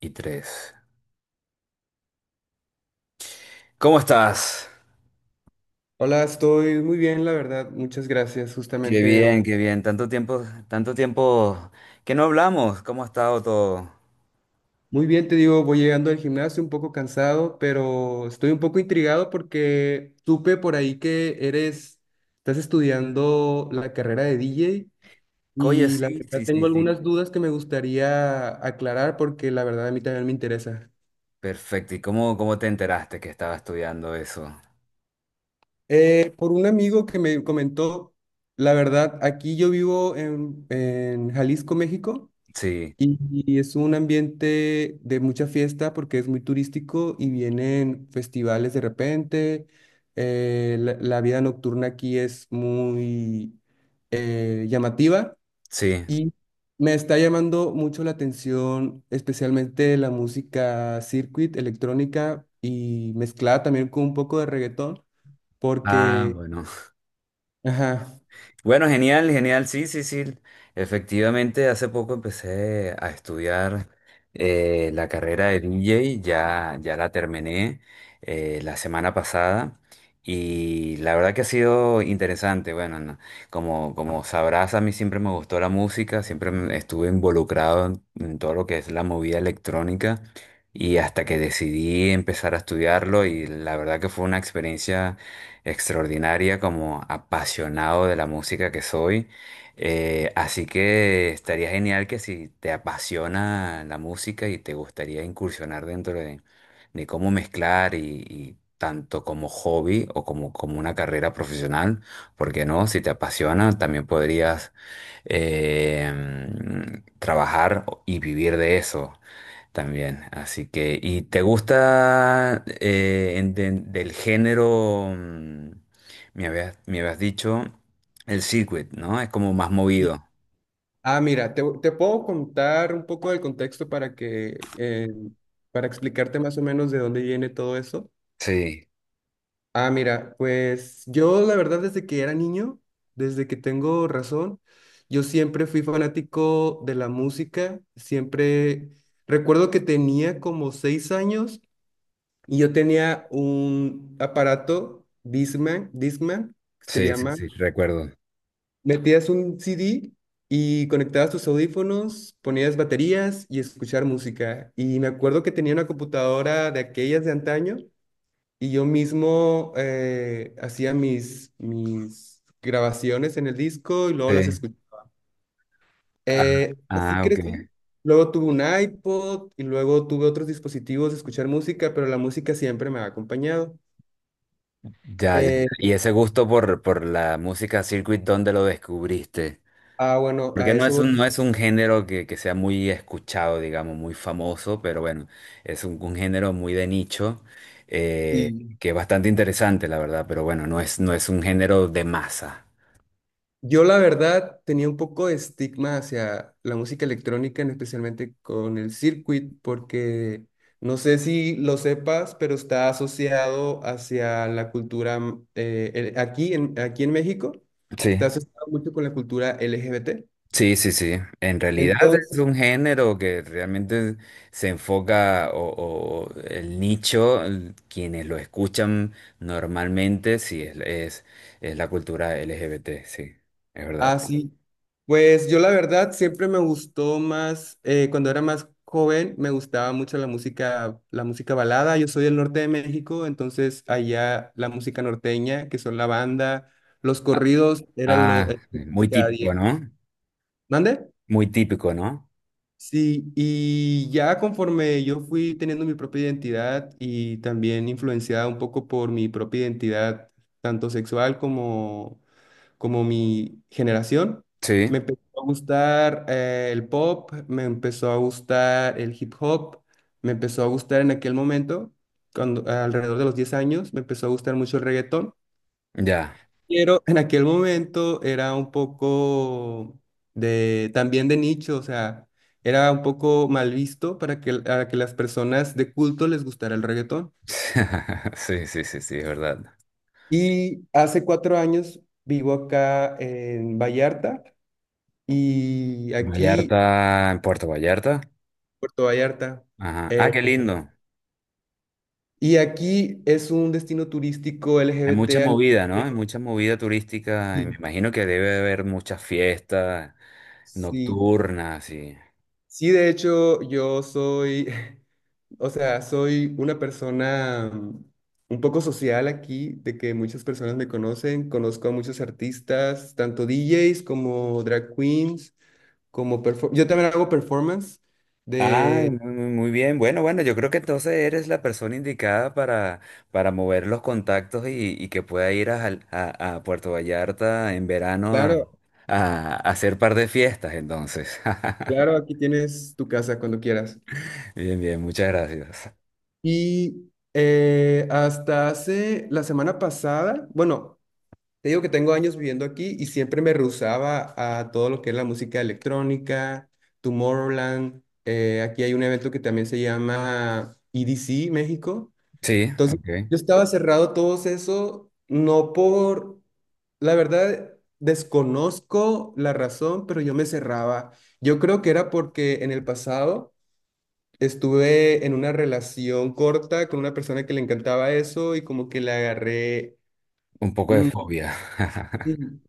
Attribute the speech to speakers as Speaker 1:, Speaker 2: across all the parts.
Speaker 1: Y tres. ¿Cómo estás?
Speaker 2: Hola, estoy muy bien, la verdad. Muchas gracias.
Speaker 1: Qué
Speaker 2: Justamente,
Speaker 1: bien, qué bien. Tanto tiempo, que no hablamos. ¿Cómo ha estado todo?
Speaker 2: muy bien, te digo, voy llegando al gimnasio un poco cansado, pero estoy un poco intrigado porque supe por ahí que estás estudiando la carrera de DJ
Speaker 1: Oye,
Speaker 2: y la
Speaker 1: sí,
Speaker 2: verdad
Speaker 1: sí, sí,
Speaker 2: tengo
Speaker 1: sí.
Speaker 2: algunas dudas que me gustaría aclarar porque la verdad a mí también me interesa.
Speaker 1: Perfecto. ¿Y cómo te enteraste que estaba estudiando eso?
Speaker 2: Por un amigo que me comentó, la verdad, aquí yo vivo en Jalisco, México.
Speaker 1: Sí,
Speaker 2: Y y es un ambiente de mucha fiesta porque es muy turístico y vienen festivales de repente. La vida nocturna aquí es muy llamativa
Speaker 1: sí.
Speaker 2: y me está llamando mucho la atención, especialmente la música circuit, electrónica y mezclada también con un poco de reggaetón,
Speaker 1: Ah,
Speaker 2: porque,
Speaker 1: bueno.
Speaker 2: ajá.
Speaker 1: Bueno, genial, genial, sí, sí, sí. Efectivamente, hace poco empecé a estudiar la carrera de DJ. Ya la terminé la semana pasada y la verdad que ha sido interesante. Bueno, no, como sabrás, a mí siempre me gustó la música, estuve involucrado en todo lo que es la movida electrónica y hasta que decidí empezar a estudiarlo y la verdad que fue una experiencia extraordinaria como apasionado de la música que soy. Así que estaría genial que si te apasiona la música y te gustaría incursionar de cómo mezclar y tanto como hobby o como, como una carrera profesional, porque no? Si te apasiona, también podrías eh, trabajar y vivir de eso. También, así que, ¿y te gusta del género, me habías dicho, el circuit, ¿no? Es como más
Speaker 2: y
Speaker 1: movido.
Speaker 2: Ah, mira, te puedo contar un poco del contexto para explicarte más o menos de dónde viene todo eso.
Speaker 1: Sí,
Speaker 2: Ah, mira, pues yo la verdad desde que era niño, desde que tengo razón, yo siempre fui fanático de la música, siempre recuerdo que tenía como 6 años y yo tenía un aparato Discman, Discman, se
Speaker 1: sí, sí,
Speaker 2: llama.
Speaker 1: sí, recuerdo.
Speaker 2: Metías un CD y conectabas tus audífonos, ponías baterías y escuchar música. Y me acuerdo que tenía una computadora de aquellas de antaño y yo mismo hacía mis grabaciones en el disco y luego las
Speaker 1: Sí.
Speaker 2: escuchaba.
Speaker 1: Ah,
Speaker 2: Así
Speaker 1: ah, ok.
Speaker 2: crecí. Luego tuve un iPod y luego tuve otros dispositivos de escuchar música, pero la música siempre me ha acompañado.
Speaker 1: Ya, ya. ya.
Speaker 2: Eh,
Speaker 1: ¿Y ese gusto por la música circuit, dónde lo descubriste?
Speaker 2: bueno,
Speaker 1: Porque
Speaker 2: a eso voy.
Speaker 1: no es un género que sea muy escuchado, digamos, muy famoso, pero bueno, es un género muy de nicho, eh,
Speaker 2: Sí.
Speaker 1: que es bastante interesante, la verdad, pero bueno, no es un género de masa.
Speaker 2: Yo la verdad tenía un poco de estigma hacia la música electrónica, en especialmente con el circuit, porque no sé si lo sepas, pero está asociado hacia la cultura aquí en México,
Speaker 1: Sí,
Speaker 2: está asociado mucho con la cultura LGBT.
Speaker 1: sí, sí, sí. En realidad es un género que realmente se enfoca o el nicho, quienes lo escuchan normalmente, sí, es la cultura LGBT, sí, es verdad.
Speaker 2: Ah, sí. Pues yo la verdad siempre me gustó más, cuando era más joven, me gustaba mucho la música balada. Yo soy del norte de México, entonces allá la música norteña, que son la banda, los
Speaker 1: Ah,
Speaker 2: corridos, era lo
Speaker 1: ah, muy
Speaker 2: de cada día.
Speaker 1: típico, ¿no?
Speaker 2: ¿Mande?
Speaker 1: Muy típico, ¿no?
Speaker 2: Sí, y ya conforme yo fui teniendo mi propia identidad y también influenciada un poco por mi propia identidad, tanto sexual como mi generación,
Speaker 1: Sí,
Speaker 2: me empezó a gustar el pop, me empezó a gustar el hip hop, me empezó a gustar en aquel momento, cuando alrededor de los 10 años, me empezó a gustar mucho el reggaetón,
Speaker 1: ya.
Speaker 2: pero en aquel momento era un poco de también de nicho, o sea, era un poco mal visto a que las personas de culto les gustara el reggaetón.
Speaker 1: Sí, sí, sí, sí, es verdad.
Speaker 2: Y hace 4 años vivo acá en Vallarta y aquí
Speaker 1: Vallarta, en Puerto Vallarta.
Speaker 2: Puerto Vallarta.
Speaker 1: Ajá. Ah,
Speaker 2: Eh,
Speaker 1: qué lindo.
Speaker 2: y aquí es un destino turístico
Speaker 1: Hay mucha
Speaker 2: LGBT a nivel
Speaker 1: movida, ¿no? Hay
Speaker 2: mundial.
Speaker 1: mucha movida turística. Y me
Speaker 2: Sí,
Speaker 1: imagino que debe haber muchas fiestas
Speaker 2: sí,
Speaker 1: nocturnas y...
Speaker 2: sí, de hecho yo soy, o sea, soy una persona un poco social aquí, de que muchas personas me conocen, conozco a muchos artistas, tanto DJs como drag queens, como yo también hago performance
Speaker 1: Ah,
Speaker 2: de,
Speaker 1: muy, muy muy bien. Bueno, bueno, yo creo que entonces eres la persona indicada para mover los contactos y que pueda ir a, a Puerto Vallarta en verano a,
Speaker 2: claro,
Speaker 1: a hacer par de fiestas, entonces.
Speaker 2: claro, aquí tienes tu casa cuando quieras.
Speaker 1: Bien, bien, muchas gracias.
Speaker 2: Y hasta hace la semana pasada, bueno, te digo que tengo años viviendo aquí y siempre me rehusaba a todo lo que es la música electrónica, Tomorrowland. Aquí hay un evento que también se llama EDC México.
Speaker 1: Sí,
Speaker 2: Entonces,
Speaker 1: ok.
Speaker 2: yo estaba cerrado a todo eso, no por, la verdad, desconozco la razón, pero yo me cerraba. Yo creo que era porque en el pasado... Estuve en una relación corta con una persona que le encantaba eso y como que le agarré...
Speaker 1: Un poco de
Speaker 2: Mm,
Speaker 1: fobia.
Speaker 2: sí.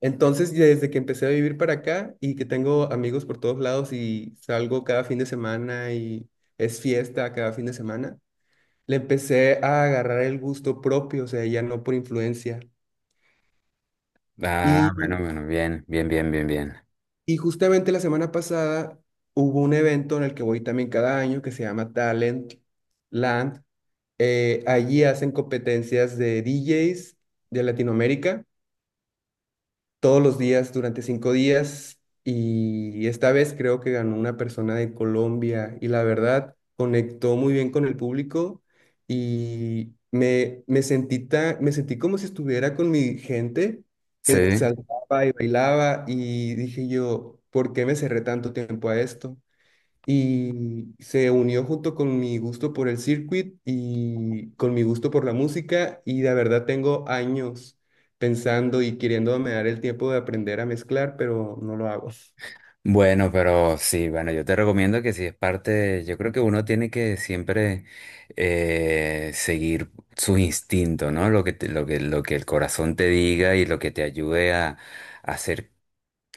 Speaker 2: Entonces, desde que empecé a vivir para acá y que tengo amigos por todos lados y salgo cada fin de semana y es fiesta cada fin de semana, le empecé a agarrar el gusto propio, o sea, ya no por influencia.
Speaker 1: Ah, bueno,
Speaker 2: Y,
Speaker 1: bueno, bien, bien, bien, bien, bien.
Speaker 2: y justamente la semana pasada hubo un evento en el que voy también cada año que se llama Talent Land. Allí hacen competencias de DJs de Latinoamérica todos los días durante 5 días y esta vez creo que ganó una persona de Colombia y la verdad conectó muy bien con el público y me sentí como si estuviera con mi gente que
Speaker 1: Sí.
Speaker 2: saltaba y bailaba y dije yo, ¿por qué me cerré tanto tiempo a esto? Y se unió junto con mi gusto por el circuit y con mi gusto por la música y la verdad tengo años pensando y queriéndome dar el tiempo de aprender a mezclar, pero no lo hago.
Speaker 1: Bueno, pero sí, bueno, yo te recomiendo que si es parte, de- yo creo que uno tiene que siempre seguir su instinto, ¿no? Lo que, lo que el corazón te diga y lo que te ayude a hacer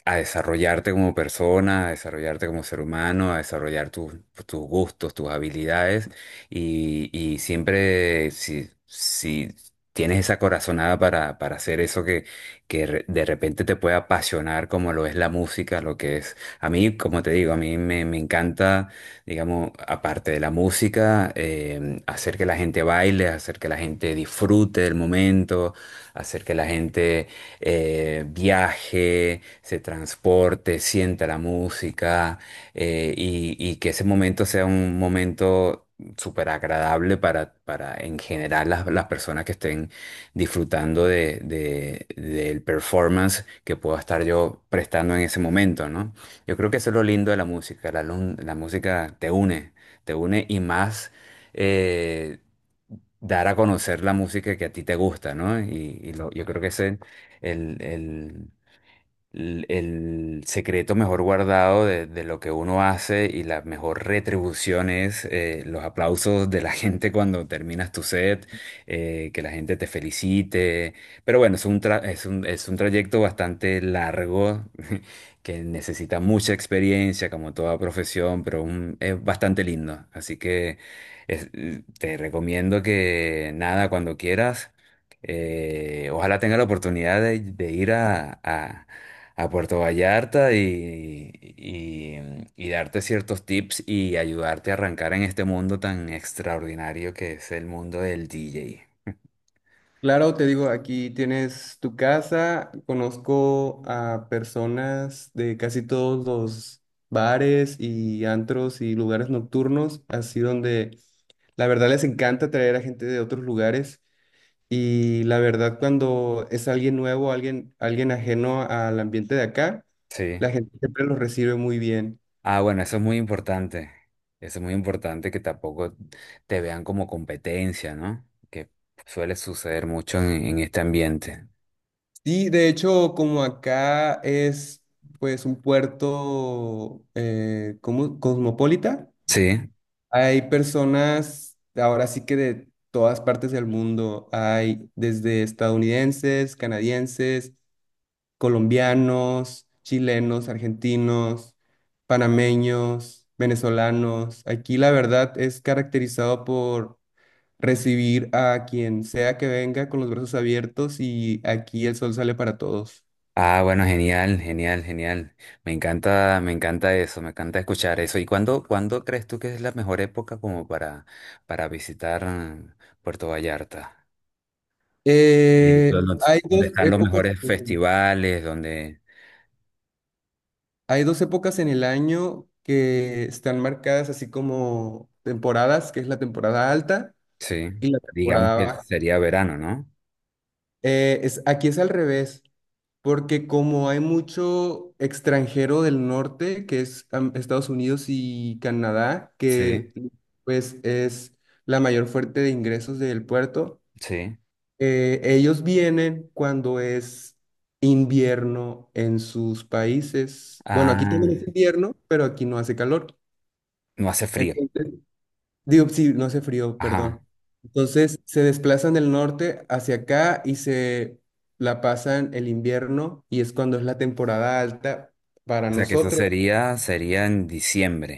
Speaker 1: a desarrollarte como persona, a desarrollarte como ser humano, a desarrollar tus, tus gustos, tus habilidades y siempre si tienes esa corazonada para hacer eso que, de repente te puede apasionar como lo es la música, lo que es... A mí, como te digo, me encanta, digamos, aparte de la música, hacer que la gente baile, hacer que la gente disfrute del momento, hacer que la gente viaje, se transporte, sienta la música y que ese momento sea un momento súper agradable para en general las personas que estén disfrutando del performance que pueda estar yo prestando en ese momento, ¿no? Yo creo que eso es lo lindo de la música, la música te une y más... eh, dar a conocer la música que a ti te gusta, ¿no? Yo creo que ese el, el- el secreto mejor guardado de lo que uno hace y la mejor retribución es los aplausos de la gente cuando terminas tu set, que la gente te felicite. Pero bueno, es un trayecto bastante largo que necesita mucha experiencia, como toda profesión, pero es bastante lindo. Así que es- te recomiendo que nada, cuando quieras. Ojalá tenga la oportunidad de, a Puerto Vallarta y darte ciertos tips y ayudarte a arrancar en este mundo tan extraordinario que es el mundo del DJ.
Speaker 2: Claro, te digo, aquí tienes tu casa, conozco a personas de casi todos los bares y antros y lugares nocturnos, así donde la verdad les encanta traer a gente de otros lugares. Y la verdad, cuando es alguien nuevo, alguien ajeno al ambiente de acá,
Speaker 1: Sí.
Speaker 2: la gente siempre los recibe muy bien.
Speaker 1: Ah, bueno, eso es muy importante. Eso es muy importante que tampoco te vean como competencia, ¿no? Que suele suceder mucho en este ambiente.
Speaker 2: Y de hecho, como acá es pues un puerto como cosmopolita,
Speaker 1: Sí.
Speaker 2: hay personas ahora sí que de todas partes del mundo, hay desde estadounidenses, canadienses, colombianos, chilenos, argentinos, panameños, venezolanos. Aquí la verdad es caracterizado por recibir a quien sea que venga con los brazos abiertos y aquí el sol sale para todos.
Speaker 1: Ah, bueno, genial, genial, genial. Me encanta eso, me encanta escuchar eso. ¿Y cuándo crees tú que es la mejor época como para visitar Puerto Vallarta?
Speaker 2: Eh,
Speaker 1: Donde
Speaker 2: hay dos
Speaker 1: están los
Speaker 2: épocas,
Speaker 1: mejores festivales, donde,
Speaker 2: hay dos épocas en el año que están marcadas así como temporadas, que es la temporada alta
Speaker 1: sí,
Speaker 2: y la
Speaker 1: digamos
Speaker 2: temporada
Speaker 1: que
Speaker 2: baja.
Speaker 1: sería verano, ¿no?
Speaker 2: Aquí es al revés. Porque como hay mucho extranjero del norte, que es Estados Unidos y Canadá,
Speaker 1: Sí,
Speaker 2: que pues es la mayor fuente de ingresos del puerto,
Speaker 1: sí.
Speaker 2: ellos vienen cuando es invierno en sus países. Bueno, aquí también
Speaker 1: Ah,
Speaker 2: es invierno, pero aquí no hace calor.
Speaker 1: no hace frío.
Speaker 2: Entonces, digo, sí, no hace frío, perdón.
Speaker 1: Ajá.
Speaker 2: Entonces se desplazan del norte hacia acá y se la pasan el invierno y es cuando es la temporada alta para
Speaker 1: O sea que eso
Speaker 2: nosotros.
Speaker 1: sería, sería en diciembre.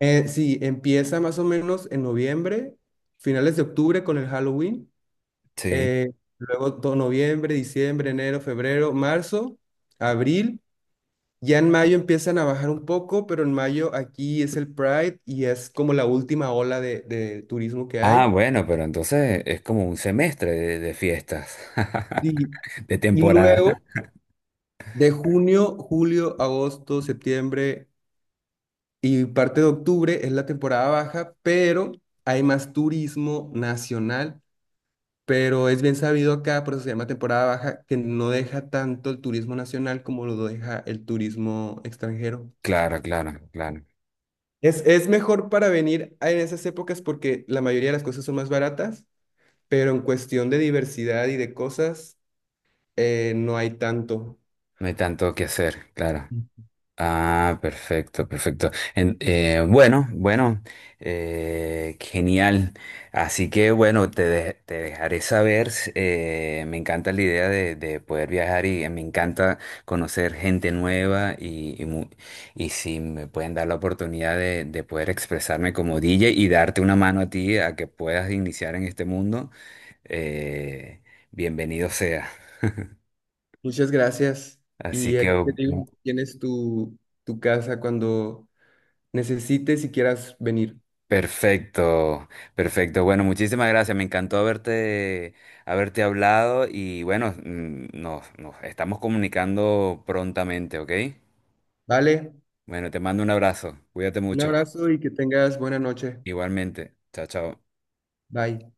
Speaker 2: Sí, empieza más o menos en noviembre, finales de octubre con el Halloween,
Speaker 1: Sí.
Speaker 2: luego todo noviembre, diciembre, enero, febrero, marzo, abril. Ya en mayo empiezan a bajar un poco, pero en mayo aquí es el Pride y es como la última ola de turismo que
Speaker 1: Ah,
Speaker 2: hay.
Speaker 1: bueno, pero entonces es como un semestre de fiestas.
Speaker 2: Sí,
Speaker 1: De
Speaker 2: y luego
Speaker 1: temporada.
Speaker 2: de junio, julio, agosto, septiembre y parte de octubre es la temporada baja, pero hay más turismo nacional, pero es bien sabido acá, por eso se llama temporada baja, que no deja tanto el turismo nacional como lo deja el turismo extranjero.
Speaker 1: Claro, claro, claro.
Speaker 2: Es mejor para venir en esas épocas porque la mayoría de las cosas son más baratas, pero en cuestión de diversidad y de cosas, no hay tanto.
Speaker 1: No hay tanto que hacer, claro. Ah, perfecto, perfecto. Bueno, bueno, genial. Así que bueno, te dejaré saber. Me encanta la idea de poder viajar y me encanta conocer gente nueva y si me pueden dar la oportunidad de poder expresarme como DJ y darte una mano a ti a que puedas iniciar en este mundo, eh, bienvenido sea.
Speaker 2: Muchas gracias.
Speaker 1: Así
Speaker 2: Y
Speaker 1: que
Speaker 2: aquí te digo, tienes tu casa cuando necesites y quieras venir.
Speaker 1: perfecto, perfecto. Bueno, muchísimas gracias. Me encantó haberte hablado y bueno, nos estamos comunicando prontamente, ¿ok?
Speaker 2: Vale,
Speaker 1: Bueno, te mando un abrazo. Cuídate
Speaker 2: un
Speaker 1: mucho.
Speaker 2: abrazo y que tengas buena noche.
Speaker 1: Igualmente. Chao, chao.
Speaker 2: Bye.